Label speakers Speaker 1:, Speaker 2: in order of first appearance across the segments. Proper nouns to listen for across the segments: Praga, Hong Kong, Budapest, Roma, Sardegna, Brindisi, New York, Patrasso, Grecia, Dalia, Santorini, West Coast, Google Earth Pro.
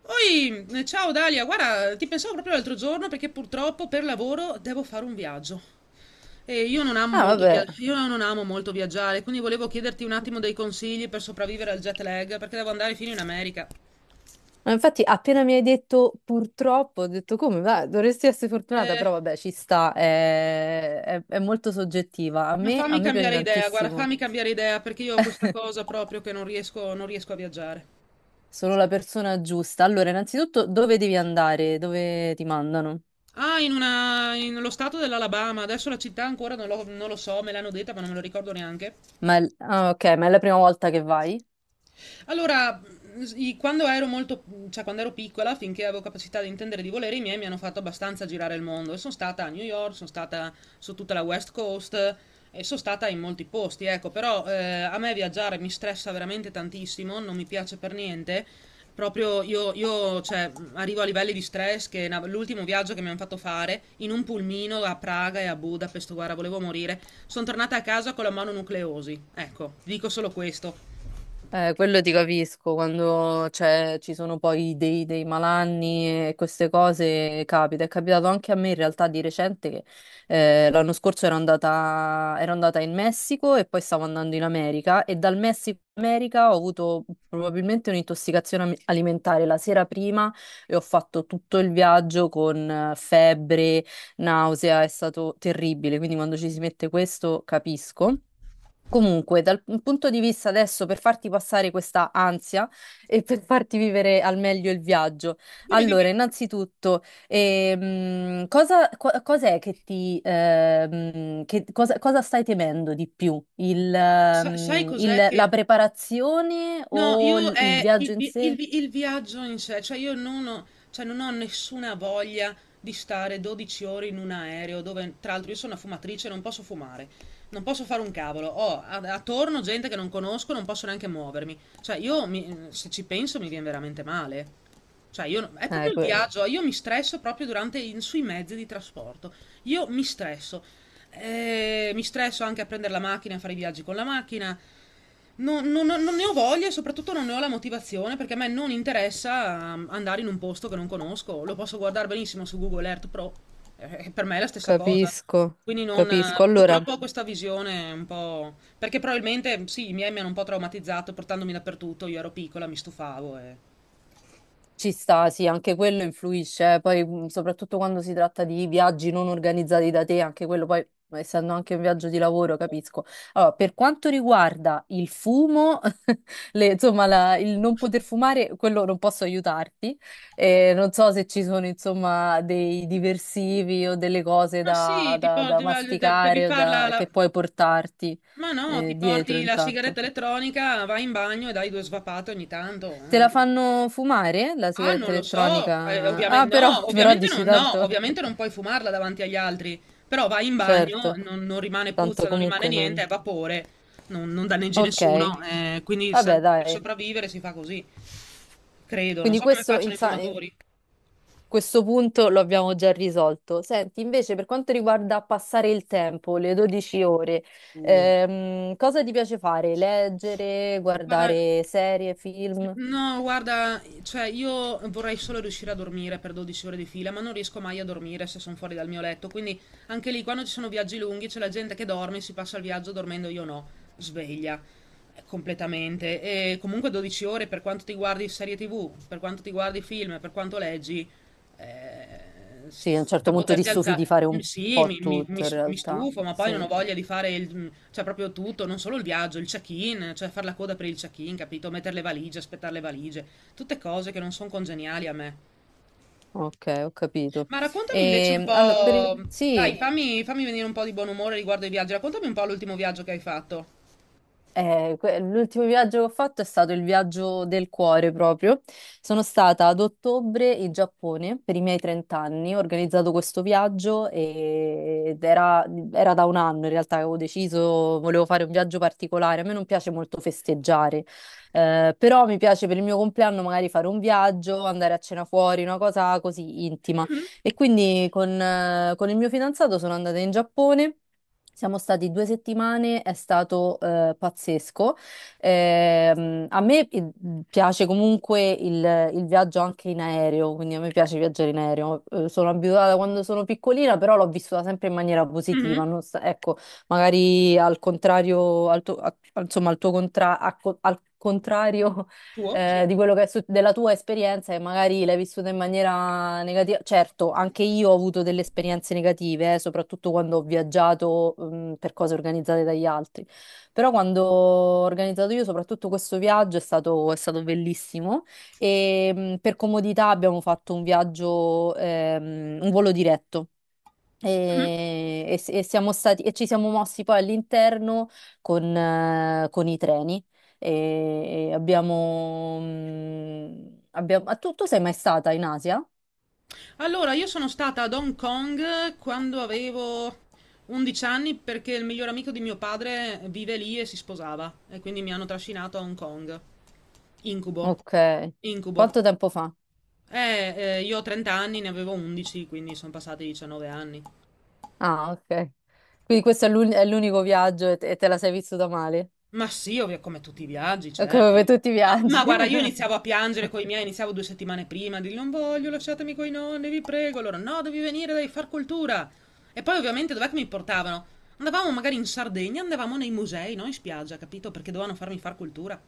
Speaker 1: Poi, ciao Dalia, guarda, ti pensavo proprio l'altro giorno perché purtroppo per lavoro devo fare un viaggio. E io non amo
Speaker 2: Ah,
Speaker 1: molto
Speaker 2: vabbè.
Speaker 1: viaggiare, quindi volevo chiederti un attimo dei consigli per sopravvivere al jet lag, perché devo andare fino in America.
Speaker 2: Ma infatti, appena mi hai detto purtroppo, ho detto come, va, dovresti essere fortunata,
Speaker 1: Eh,
Speaker 2: però vabbè, ci sta, è molto soggettiva. A
Speaker 1: ma
Speaker 2: me, a
Speaker 1: fammi
Speaker 2: me piace
Speaker 1: cambiare idea, guarda,
Speaker 2: tantissimo,
Speaker 1: fammi cambiare idea perché io ho questa cosa proprio che non riesco a viaggiare.
Speaker 2: sono la persona giusta. Allora, innanzitutto, dove devi andare? Dove ti mandano?
Speaker 1: Ah, in lo stato dell'Alabama, adesso la città ancora non lo so, me l'hanno detta ma non me lo ricordo neanche.
Speaker 2: Ma ah, ok, ma è la prima volta che vai?
Speaker 1: Allora, quando ero molto, cioè quando ero piccola, finché avevo capacità di intendere e di volere, i miei mi hanno fatto abbastanza girare il mondo. E sono stata a New York, sono stata su tutta la West Coast e sono stata in molti posti, ecco. Però a me viaggiare mi stressa veramente tantissimo, non mi piace per niente. Proprio io, cioè, arrivo a livelli di stress che l'ultimo viaggio che mi hanno fatto fare in un pulmino a Praga e a Budapest, guarda, volevo morire. Sono tornata a casa con la mano nucleosi. Ecco, dico solo questo.
Speaker 2: Quello ti capisco, quando ci sono poi dei malanni e queste cose capita. È capitato anche a me in realtà di recente che l'anno scorso ero andata in Messico e poi stavo andando in America e dal Messico in America ho avuto probabilmente un'intossicazione alimentare la sera prima e ho fatto tutto il viaggio con febbre, nausea, è stato terribile, quindi quando ci si mette questo capisco. Comunque, dal punto di vista adesso, per farti passare questa ansia e per farti vivere al meglio il viaggio,
Speaker 1: Dimmi,
Speaker 2: allora,
Speaker 1: dimmi.
Speaker 2: innanzitutto, cos'è che ti, cosa stai temendo di più?
Speaker 1: Sai cos'è che...
Speaker 2: La preparazione
Speaker 1: No,
Speaker 2: o
Speaker 1: io
Speaker 2: il
Speaker 1: è
Speaker 2: viaggio in sé?
Speaker 1: il viaggio in sé, cioè io non ho, cioè non ho nessuna voglia di stare 12 ore in un aereo dove, tra l'altro, io sono una fumatrice, non posso fumare, non posso fare un cavolo, attorno gente che non conosco, non posso neanche muovermi, cioè se ci penso mi viene veramente male. Cioè, io, no- è
Speaker 2: Eh,
Speaker 1: proprio il
Speaker 2: que-
Speaker 1: viaggio, io mi stresso proprio durante, sui mezzi di trasporto. Io mi stresso. Mi stresso anche a prendere la macchina, a fare i viaggi con la macchina. Non ne ho voglia e soprattutto non ne ho la motivazione perché a me non interessa andare in un posto che non conosco. Lo posso guardare benissimo su Google Earth Pro, per me è la stessa cosa.
Speaker 2: capisco,
Speaker 1: Quindi non,
Speaker 2: capisco. Allora.
Speaker 1: purtroppo ho questa visione un po', perché probabilmente sì, i miei mi hanno un po' traumatizzato portandomi dappertutto, io ero piccola, mi stufavo e...
Speaker 2: Ci sta, sì, anche quello influisce, eh. Poi soprattutto quando si tratta di viaggi non organizzati da te, anche quello poi, essendo anche un viaggio di lavoro, capisco. Allora, per quanto riguarda il fumo, insomma, il non poter fumare, quello non posso aiutarti. Non so se ci sono, insomma, dei diversivi o delle cose
Speaker 1: Ma sì,
Speaker 2: da,
Speaker 1: ti
Speaker 2: da- da
Speaker 1: porti, devi
Speaker 2: masticare o
Speaker 1: farla...
Speaker 2: che puoi portarti,
Speaker 1: Ma no,
Speaker 2: eh,
Speaker 1: ti
Speaker 2: dietro
Speaker 1: porti la
Speaker 2: intanto.
Speaker 1: sigaretta elettronica, vai in bagno e dai due svapate ogni tanto.
Speaker 2: Te
Speaker 1: Eh.
Speaker 2: la fanno fumare la
Speaker 1: Ah, non
Speaker 2: sigaretta
Speaker 1: lo so,
Speaker 2: elettronica?
Speaker 1: ovviamente
Speaker 2: Ah, però,
Speaker 1: no,
Speaker 2: però
Speaker 1: ovviamente
Speaker 2: dici
Speaker 1: non, no,
Speaker 2: tanto.
Speaker 1: ovviamente non puoi fumarla davanti agli altri, però vai in bagno,
Speaker 2: Certo,
Speaker 1: non rimane
Speaker 2: tanto
Speaker 1: puzza, non rimane
Speaker 2: comunque
Speaker 1: niente,
Speaker 2: non.
Speaker 1: è vapore, non danneggi
Speaker 2: Ok,
Speaker 1: nessuno, quindi
Speaker 2: vabbè,
Speaker 1: per
Speaker 2: dai.
Speaker 1: sopravvivere si fa così, credo, non
Speaker 2: Quindi
Speaker 1: so come
Speaker 2: questo,
Speaker 1: facciano i fumatori.
Speaker 2: questo punto lo abbiamo già risolto. Senti, invece, per quanto riguarda passare il tempo, le 12 ore,
Speaker 1: Uh,
Speaker 2: cosa ti piace fare? Leggere,
Speaker 1: Guarda,
Speaker 2: guardare serie, film?
Speaker 1: no, guarda, cioè io vorrei solo riuscire a dormire per 12 ore di fila, ma non riesco mai a dormire se sono fuori dal mio letto. Quindi anche lì, quando ci sono viaggi lunghi, c'è la gente che dorme, si passa il viaggio dormendo, io no, sveglia completamente. E comunque 12 ore, per quanto ti guardi serie TV, per quanto ti guardi film, per quanto leggi,
Speaker 2: Sì, a un
Speaker 1: senza
Speaker 2: certo punto ti
Speaker 1: poterti
Speaker 2: stufi di
Speaker 1: alzare.
Speaker 2: fare
Speaker 1: Mm,
Speaker 2: un
Speaker 1: sì,
Speaker 2: po'
Speaker 1: mi, mi-
Speaker 2: tutto,
Speaker 1: mi
Speaker 2: in
Speaker 1: s- mi
Speaker 2: realtà.
Speaker 1: stufo, ma poi non
Speaker 2: Sì.
Speaker 1: ho voglia di fare cioè proprio tutto, non solo il viaggio, il check-in, cioè fare la coda per il check-in, capito? Mettere le valigie, aspettare le valigie, tutte cose che non sono congeniali a me.
Speaker 2: Ok, ho capito.
Speaker 1: Ma raccontami invece un
Speaker 2: E, allora,
Speaker 1: po', dai,
Speaker 2: sì,
Speaker 1: sì, fammi venire un po' di buon umore riguardo ai viaggi, raccontami un po' l'ultimo viaggio che hai fatto.
Speaker 2: l'ultimo viaggio che ho fatto è stato il viaggio del cuore proprio. Sono stata ad ottobre in Giappone per i miei 30 anni, ho organizzato questo viaggio ed era da un anno in realtà che avevo deciso, volevo fare un viaggio particolare. A me non piace molto festeggiare, però mi piace per il mio compleanno magari fare un viaggio, andare a cena fuori, una cosa così intima. E quindi con il mio fidanzato sono andata in Giappone. Siamo stati 2 settimane, è stato pazzesco. A me piace comunque il viaggio anche in aereo, quindi a me piace viaggiare in aereo. Sono abituata quando sono piccolina, però l'ho vissuta sempre in maniera positiva.
Speaker 1: Mhm.
Speaker 2: Non sa- ecco, magari al contrario, al tuo, insomma, al tuo contra- a co- al contrario
Speaker 1: Tuo? Sì.
Speaker 2: di quello che della tua esperienza e magari l'hai vissuta in maniera negativa. Certo, anche io ho avuto delle esperienze negative, soprattutto quando ho viaggiato, per cose organizzate dagli altri. Però quando ho organizzato io, soprattutto questo viaggio, è stato bellissimo e per comodità abbiamo fatto un viaggio, un volo diretto. E siamo stati, e ci siamo mossi poi all'interno con i treni e abbiamo... ah, tu sei mai stata in Asia?
Speaker 1: Allora, io sono stata ad Hong Kong quando avevo 11 anni perché il miglior amico di mio padre vive lì e si sposava e quindi mi hanno trascinato a Hong Kong. Incubo,
Speaker 2: Ok.
Speaker 1: incubo.
Speaker 2: Quanto tempo fa?
Speaker 1: Io ho 30 anni, ne avevo 11, quindi sono passati 19 anni.
Speaker 2: Ah, ok. Quindi questo è è l'unico viaggio e te la sei vissuta male?
Speaker 1: Ma sì, ovvio, come tutti i viaggi,
Speaker 2: Come
Speaker 1: certo.
Speaker 2: per tutti i
Speaker 1: Ma,
Speaker 2: viaggi.
Speaker 1: ma guarda, io iniziavo a piangere con i miei, iniziavo 2 settimane prima, a dirgli non voglio, lasciatemi coi nonni, vi prego. Loro, no, devi venire, devi far cultura. E poi ovviamente dov'è che mi portavano? Andavamo magari in Sardegna, andavamo nei musei, non in spiaggia, capito? Perché dovevano farmi far cultura.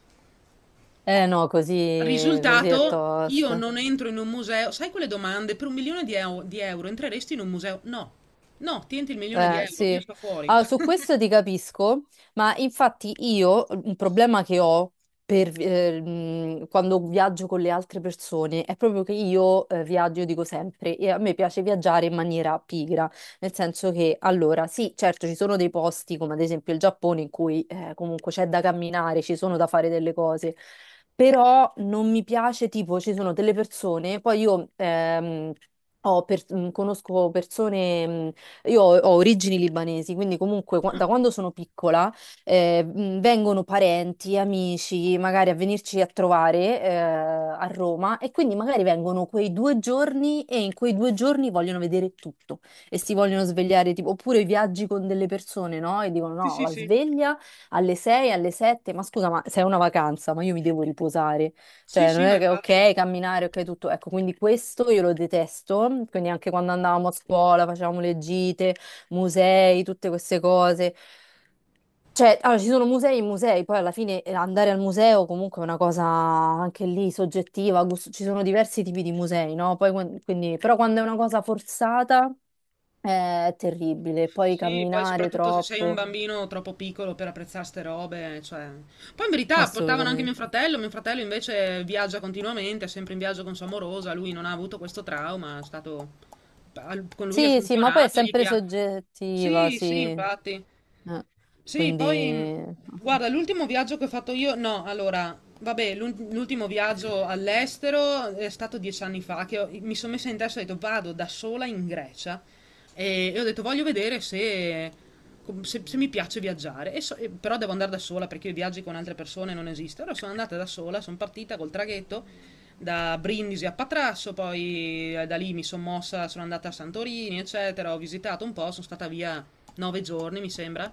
Speaker 2: Eh no, così, così è
Speaker 1: Risultato, io
Speaker 2: tosta.
Speaker 1: non entro in un museo. Sai quelle domande? Per 1 milione di, di euro entreresti in un museo? No, no, tienti il milione di euro, io
Speaker 2: Sì,
Speaker 1: sto fuori.
Speaker 2: allora, su questo ti capisco, ma infatti io un problema che ho quando viaggio con le altre persone è proprio che io viaggio, io dico sempre, e a me piace viaggiare in maniera pigra, nel senso che allora sì, certo ci sono dei posti come ad esempio il Giappone in cui comunque c'è da camminare, ci sono da fare delle cose, però non mi piace tipo ci sono delle persone, poi io... conosco persone io ho origini libanesi, quindi comunque da quando sono piccola vengono parenti, amici, magari a venirci a trovare a Roma e quindi magari vengono quei 2 giorni e in quei 2 giorni vogliono vedere tutto e si vogliono svegliare, tipo, oppure viaggi con delle persone, no? E dicono
Speaker 1: Sì,
Speaker 2: no,
Speaker 1: sì,
Speaker 2: la
Speaker 1: sì.
Speaker 2: sveglia alle 6, alle 7, ma scusa, ma sei una vacanza, ma io mi devo riposare.
Speaker 1: Sì,
Speaker 2: Cioè, non
Speaker 1: sì, ma
Speaker 2: è che
Speaker 1: infatti.
Speaker 2: ok, camminare, ok, tutto. Ecco, quindi questo io lo detesto. Quindi anche quando andavamo a scuola, facevamo le gite, musei, tutte queste cose. Cioè, allora, ci sono musei e musei, poi alla fine andare al museo comunque è una cosa anche lì soggettiva, ci sono diversi tipi di musei, no? Poi, quindi, però quando è una cosa forzata è terribile, poi
Speaker 1: Sì, poi
Speaker 2: camminare
Speaker 1: soprattutto se sei un
Speaker 2: troppo,
Speaker 1: bambino troppo piccolo per apprezzare ste robe, cioè... Poi in verità portavano anche
Speaker 2: assolutamente.
Speaker 1: mio fratello invece viaggia continuamente, è sempre in viaggio con sua amorosa, lui non ha avuto questo trauma, è stato... Con lui è
Speaker 2: Sì, sì, ma poi è
Speaker 1: funzionato, gli
Speaker 2: sempre
Speaker 1: piace.
Speaker 2: soggettiva,
Speaker 1: Sì,
Speaker 2: sì.
Speaker 1: sì, infatti. Sì, poi
Speaker 2: Quindi...
Speaker 1: guarda, l'ultimo viaggio che ho fatto io, no, allora, vabbè, l'ultimo viaggio all'estero è stato 10 anni fa che mi sono messa in testa e ho detto vado da sola in Grecia e ho detto voglio vedere se, se mi piace viaggiare. Però devo andare da sola perché i viaggi con altre persone non esiste. Allora sono andata da sola, sono partita col traghetto da Brindisi a Patrasso, poi da lì mi sono mossa, sono andata a Santorini, eccetera, ho visitato un po', sono stata via 9 giorni, mi sembra.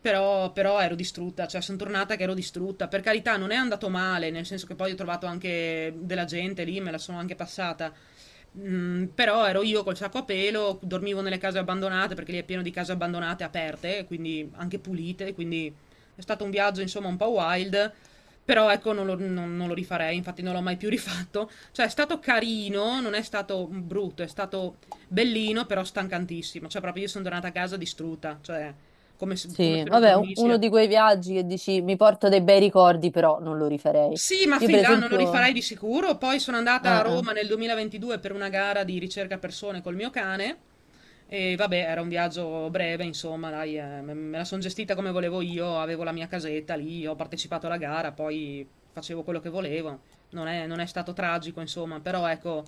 Speaker 1: Però ero distrutta, cioè sono tornata che ero distrutta. Per carità, non è andato male, nel senso che poi ho trovato anche della gente lì, me la sono anche passata. Però ero io col sacco a pelo, dormivo nelle case abbandonate perché lì è pieno di case abbandonate aperte, quindi anche pulite, quindi è stato un viaggio insomma un po' wild, però ecco non lo rifarei, infatti non l'ho mai più rifatto. Cioè è stato carino, non è stato brutto, è stato bellino, però stancantissimo, cioè proprio io sono tornata a casa distrutta, cioè come se, come
Speaker 2: Sì,
Speaker 1: se non
Speaker 2: vabbè,
Speaker 1: dormissi.
Speaker 2: uno di quei viaggi che dici mi porto dei bei ricordi, però non lo rifarei.
Speaker 1: Sì, ma
Speaker 2: Io per
Speaker 1: fin là non lo
Speaker 2: esempio...
Speaker 1: rifarei di sicuro. Poi sono andata a
Speaker 2: Ah, ah.
Speaker 1: Roma nel 2022 per una gara di ricerca persone col mio cane e vabbè, era un viaggio breve, insomma, dai, me la sono gestita come volevo io, avevo la mia casetta lì, ho partecipato alla gara, poi facevo quello che volevo. Non è stato tragico, insomma, però ecco,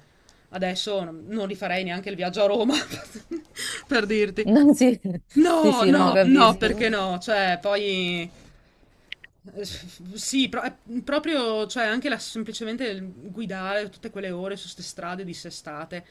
Speaker 1: adesso non rifarei neanche il viaggio a Roma, per dirti.
Speaker 2: No, sì, sì,
Speaker 1: No,
Speaker 2: sì, no,
Speaker 1: no, no,
Speaker 2: capisco.
Speaker 1: perché no? Cioè, poi... sì, proprio, cioè, anche semplicemente il guidare tutte quelle ore su queste strade dissestate,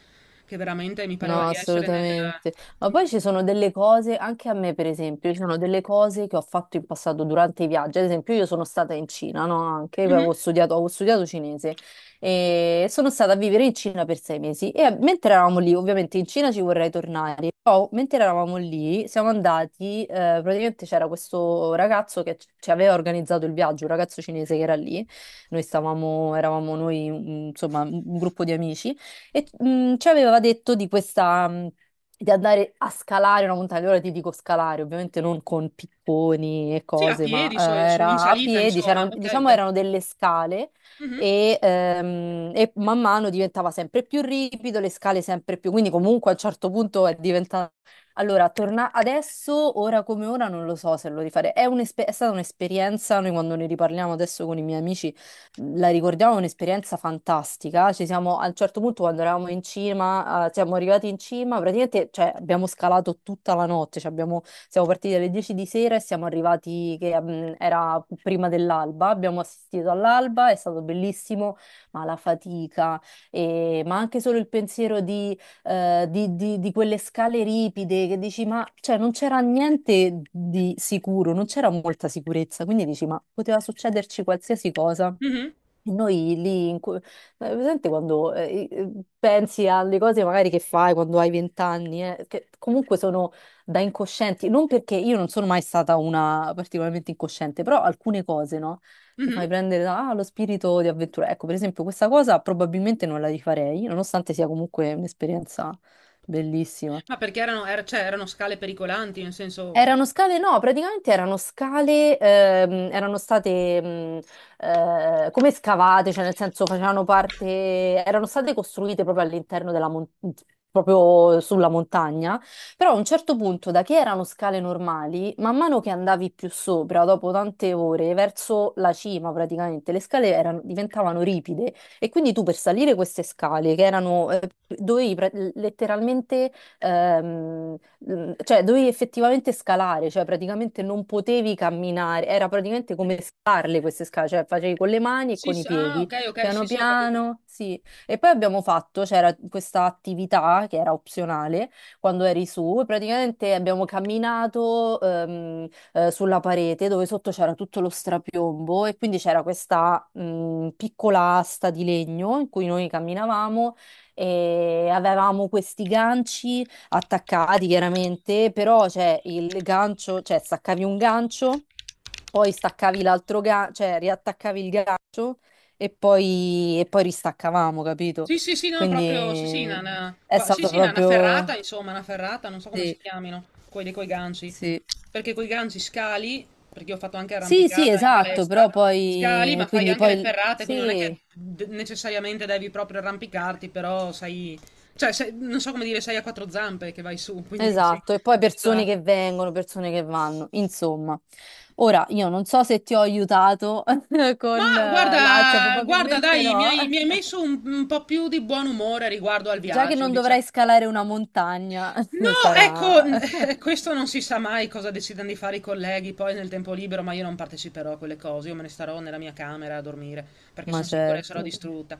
Speaker 1: che veramente mi pareva
Speaker 2: No,
Speaker 1: di essere nel...
Speaker 2: assolutamente. Ma poi ci sono delle cose, anche a me per esempio, ci sono delle cose che ho fatto in passato durante i viaggi. Ad esempio, io sono stata in Cina, no? Anche, io
Speaker 1: Mhm.
Speaker 2: avevo studiato, cinese e sono stata a vivere in Cina per 6 mesi. E mentre eravamo lì, ovviamente in Cina ci vorrei tornare, però mentre eravamo lì siamo andati, praticamente c'era questo ragazzo che ci aveva organizzato il viaggio, un ragazzo cinese che era lì. Eravamo noi, insomma, un gruppo di amici. E ci aveva detto di questa, di andare a scalare una montagna. Ora ti dico scalare, ovviamente non con picconi e
Speaker 1: Sì, a
Speaker 2: cose, ma
Speaker 1: piedi, in
Speaker 2: era a
Speaker 1: salita,
Speaker 2: piedi,
Speaker 1: insomma. Ok,
Speaker 2: diciamo
Speaker 1: ok.
Speaker 2: erano delle scale
Speaker 1: Mhm,
Speaker 2: e man mano diventava sempre più ripido, le scale sempre più, quindi comunque a un certo punto è diventato... Allora, torna adesso, ora come ora, non lo so se lo rifarei. È stata un'esperienza, noi quando ne riparliamo adesso con i miei amici la ricordiamo un'esperienza fantastica. Ci siamo, a un certo punto, quando eravamo in cima, siamo arrivati in cima, praticamente, cioè, abbiamo scalato tutta la notte. Cioè, siamo partiti alle 10 di sera e siamo arrivati, che era prima dell'alba. Abbiamo assistito all'alba, è stato bellissimo, ma la fatica, ma anche solo il pensiero di quelle scale ripide che dici, ma cioè, non c'era niente di sicuro, non c'era molta sicurezza, quindi dici, ma poteva succederci qualsiasi cosa.
Speaker 1: mhm,
Speaker 2: E noi lì, presente quando pensi alle cose magari che fai quando hai 20 anni, che comunque sono da incoscienti, non perché io non sono mai stata una particolarmente incosciente, però alcune cose, no? Ti fai
Speaker 1: mhm.
Speaker 2: prendere da, lo spirito di avventura. Ecco, per esempio, questa cosa probabilmente non la rifarei, nonostante sia comunque un'esperienza bellissima.
Speaker 1: Ma perché erano, cioè, erano scale pericolanti, nel senso...
Speaker 2: Erano scale, no, praticamente erano scale, erano state come scavate, cioè nel senso facevano parte, erano state costruite proprio all'interno proprio sulla montagna, però a un certo punto, da che erano scale normali, man mano che andavi più sopra, dopo tante ore, verso la cima praticamente, le scale diventavano ripide e quindi tu per salire queste scale, che letteralmente... ehm, cioè dovevi effettivamente scalare, cioè praticamente non potevi camminare, era praticamente come scalarle queste scale, cioè facevi con le mani e
Speaker 1: Sì,
Speaker 2: con i
Speaker 1: sì, ah,
Speaker 2: piedi,
Speaker 1: ok, ok, sì,
Speaker 2: piano
Speaker 1: sì, ho capito.
Speaker 2: piano, sì. E poi abbiamo fatto, c'era questa attività che era opzionale quando eri su, e praticamente abbiamo camminato sulla parete dove sotto c'era tutto lo strapiombo e quindi c'era questa piccola asta di legno in cui noi camminavamo e avevamo questi ganci attaccati chiaramente, però cioè, il gancio, cioè staccavi un gancio, poi staccavi l'altro gancio, cioè riattaccavi il gancio e poi ristaccavamo, capito?
Speaker 1: Sì, sì, sì, no, proprio, sì, sì,
Speaker 2: Quindi è
Speaker 1: sì,
Speaker 2: stato
Speaker 1: sì, una ferrata,
Speaker 2: proprio...
Speaker 1: insomma, una ferrata, non so come
Speaker 2: Sì,
Speaker 1: si chiamino, quelli coi ganci,
Speaker 2: sì.
Speaker 1: perché coi ganci scali, perché io ho fatto anche
Speaker 2: Sì, sì,
Speaker 1: arrampicata in
Speaker 2: esatto,
Speaker 1: palestra,
Speaker 2: però
Speaker 1: scali,
Speaker 2: poi... E
Speaker 1: ma fai
Speaker 2: quindi
Speaker 1: anche le
Speaker 2: poi...
Speaker 1: ferrate, quindi non è che
Speaker 2: Sì,
Speaker 1: necessariamente devi proprio arrampicarti, però sei, cioè, non so come dire, sei a quattro zampe che vai su, quindi sì,
Speaker 2: esatto, e poi persone
Speaker 1: esatto.
Speaker 2: che vengono, persone che vanno, insomma. Ora, io non so se ti ho aiutato con
Speaker 1: Ma
Speaker 2: l'ansia,
Speaker 1: guarda, guarda,
Speaker 2: probabilmente
Speaker 1: dai, mi
Speaker 2: no.
Speaker 1: hai, mi hai messo un po' più di buon umore riguardo al
Speaker 2: Già che
Speaker 1: viaggio,
Speaker 2: non
Speaker 1: diciamo.
Speaker 2: dovrai scalare una montagna,
Speaker 1: No, ecco,
Speaker 2: sarà...
Speaker 1: questo non si sa mai cosa decidano di fare i colleghi poi nel tempo libero, ma io non parteciperò a quelle cose, io me ne starò nella mia camera a dormire perché
Speaker 2: Ma
Speaker 1: sono sicura che sarò
Speaker 2: certo.
Speaker 1: distrutta.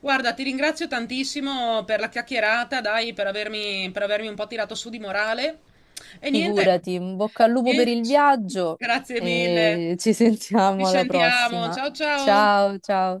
Speaker 1: Guarda, ti ringrazio tantissimo per la chiacchierata, dai, per avermi un po' tirato su di morale. E niente,
Speaker 2: Figurati, in bocca al lupo per
Speaker 1: eh,
Speaker 2: il viaggio
Speaker 1: grazie mille.
Speaker 2: e ci
Speaker 1: Ci
Speaker 2: sentiamo alla
Speaker 1: sentiamo.
Speaker 2: prossima.
Speaker 1: Ciao ciao.
Speaker 2: Ciao, ciao.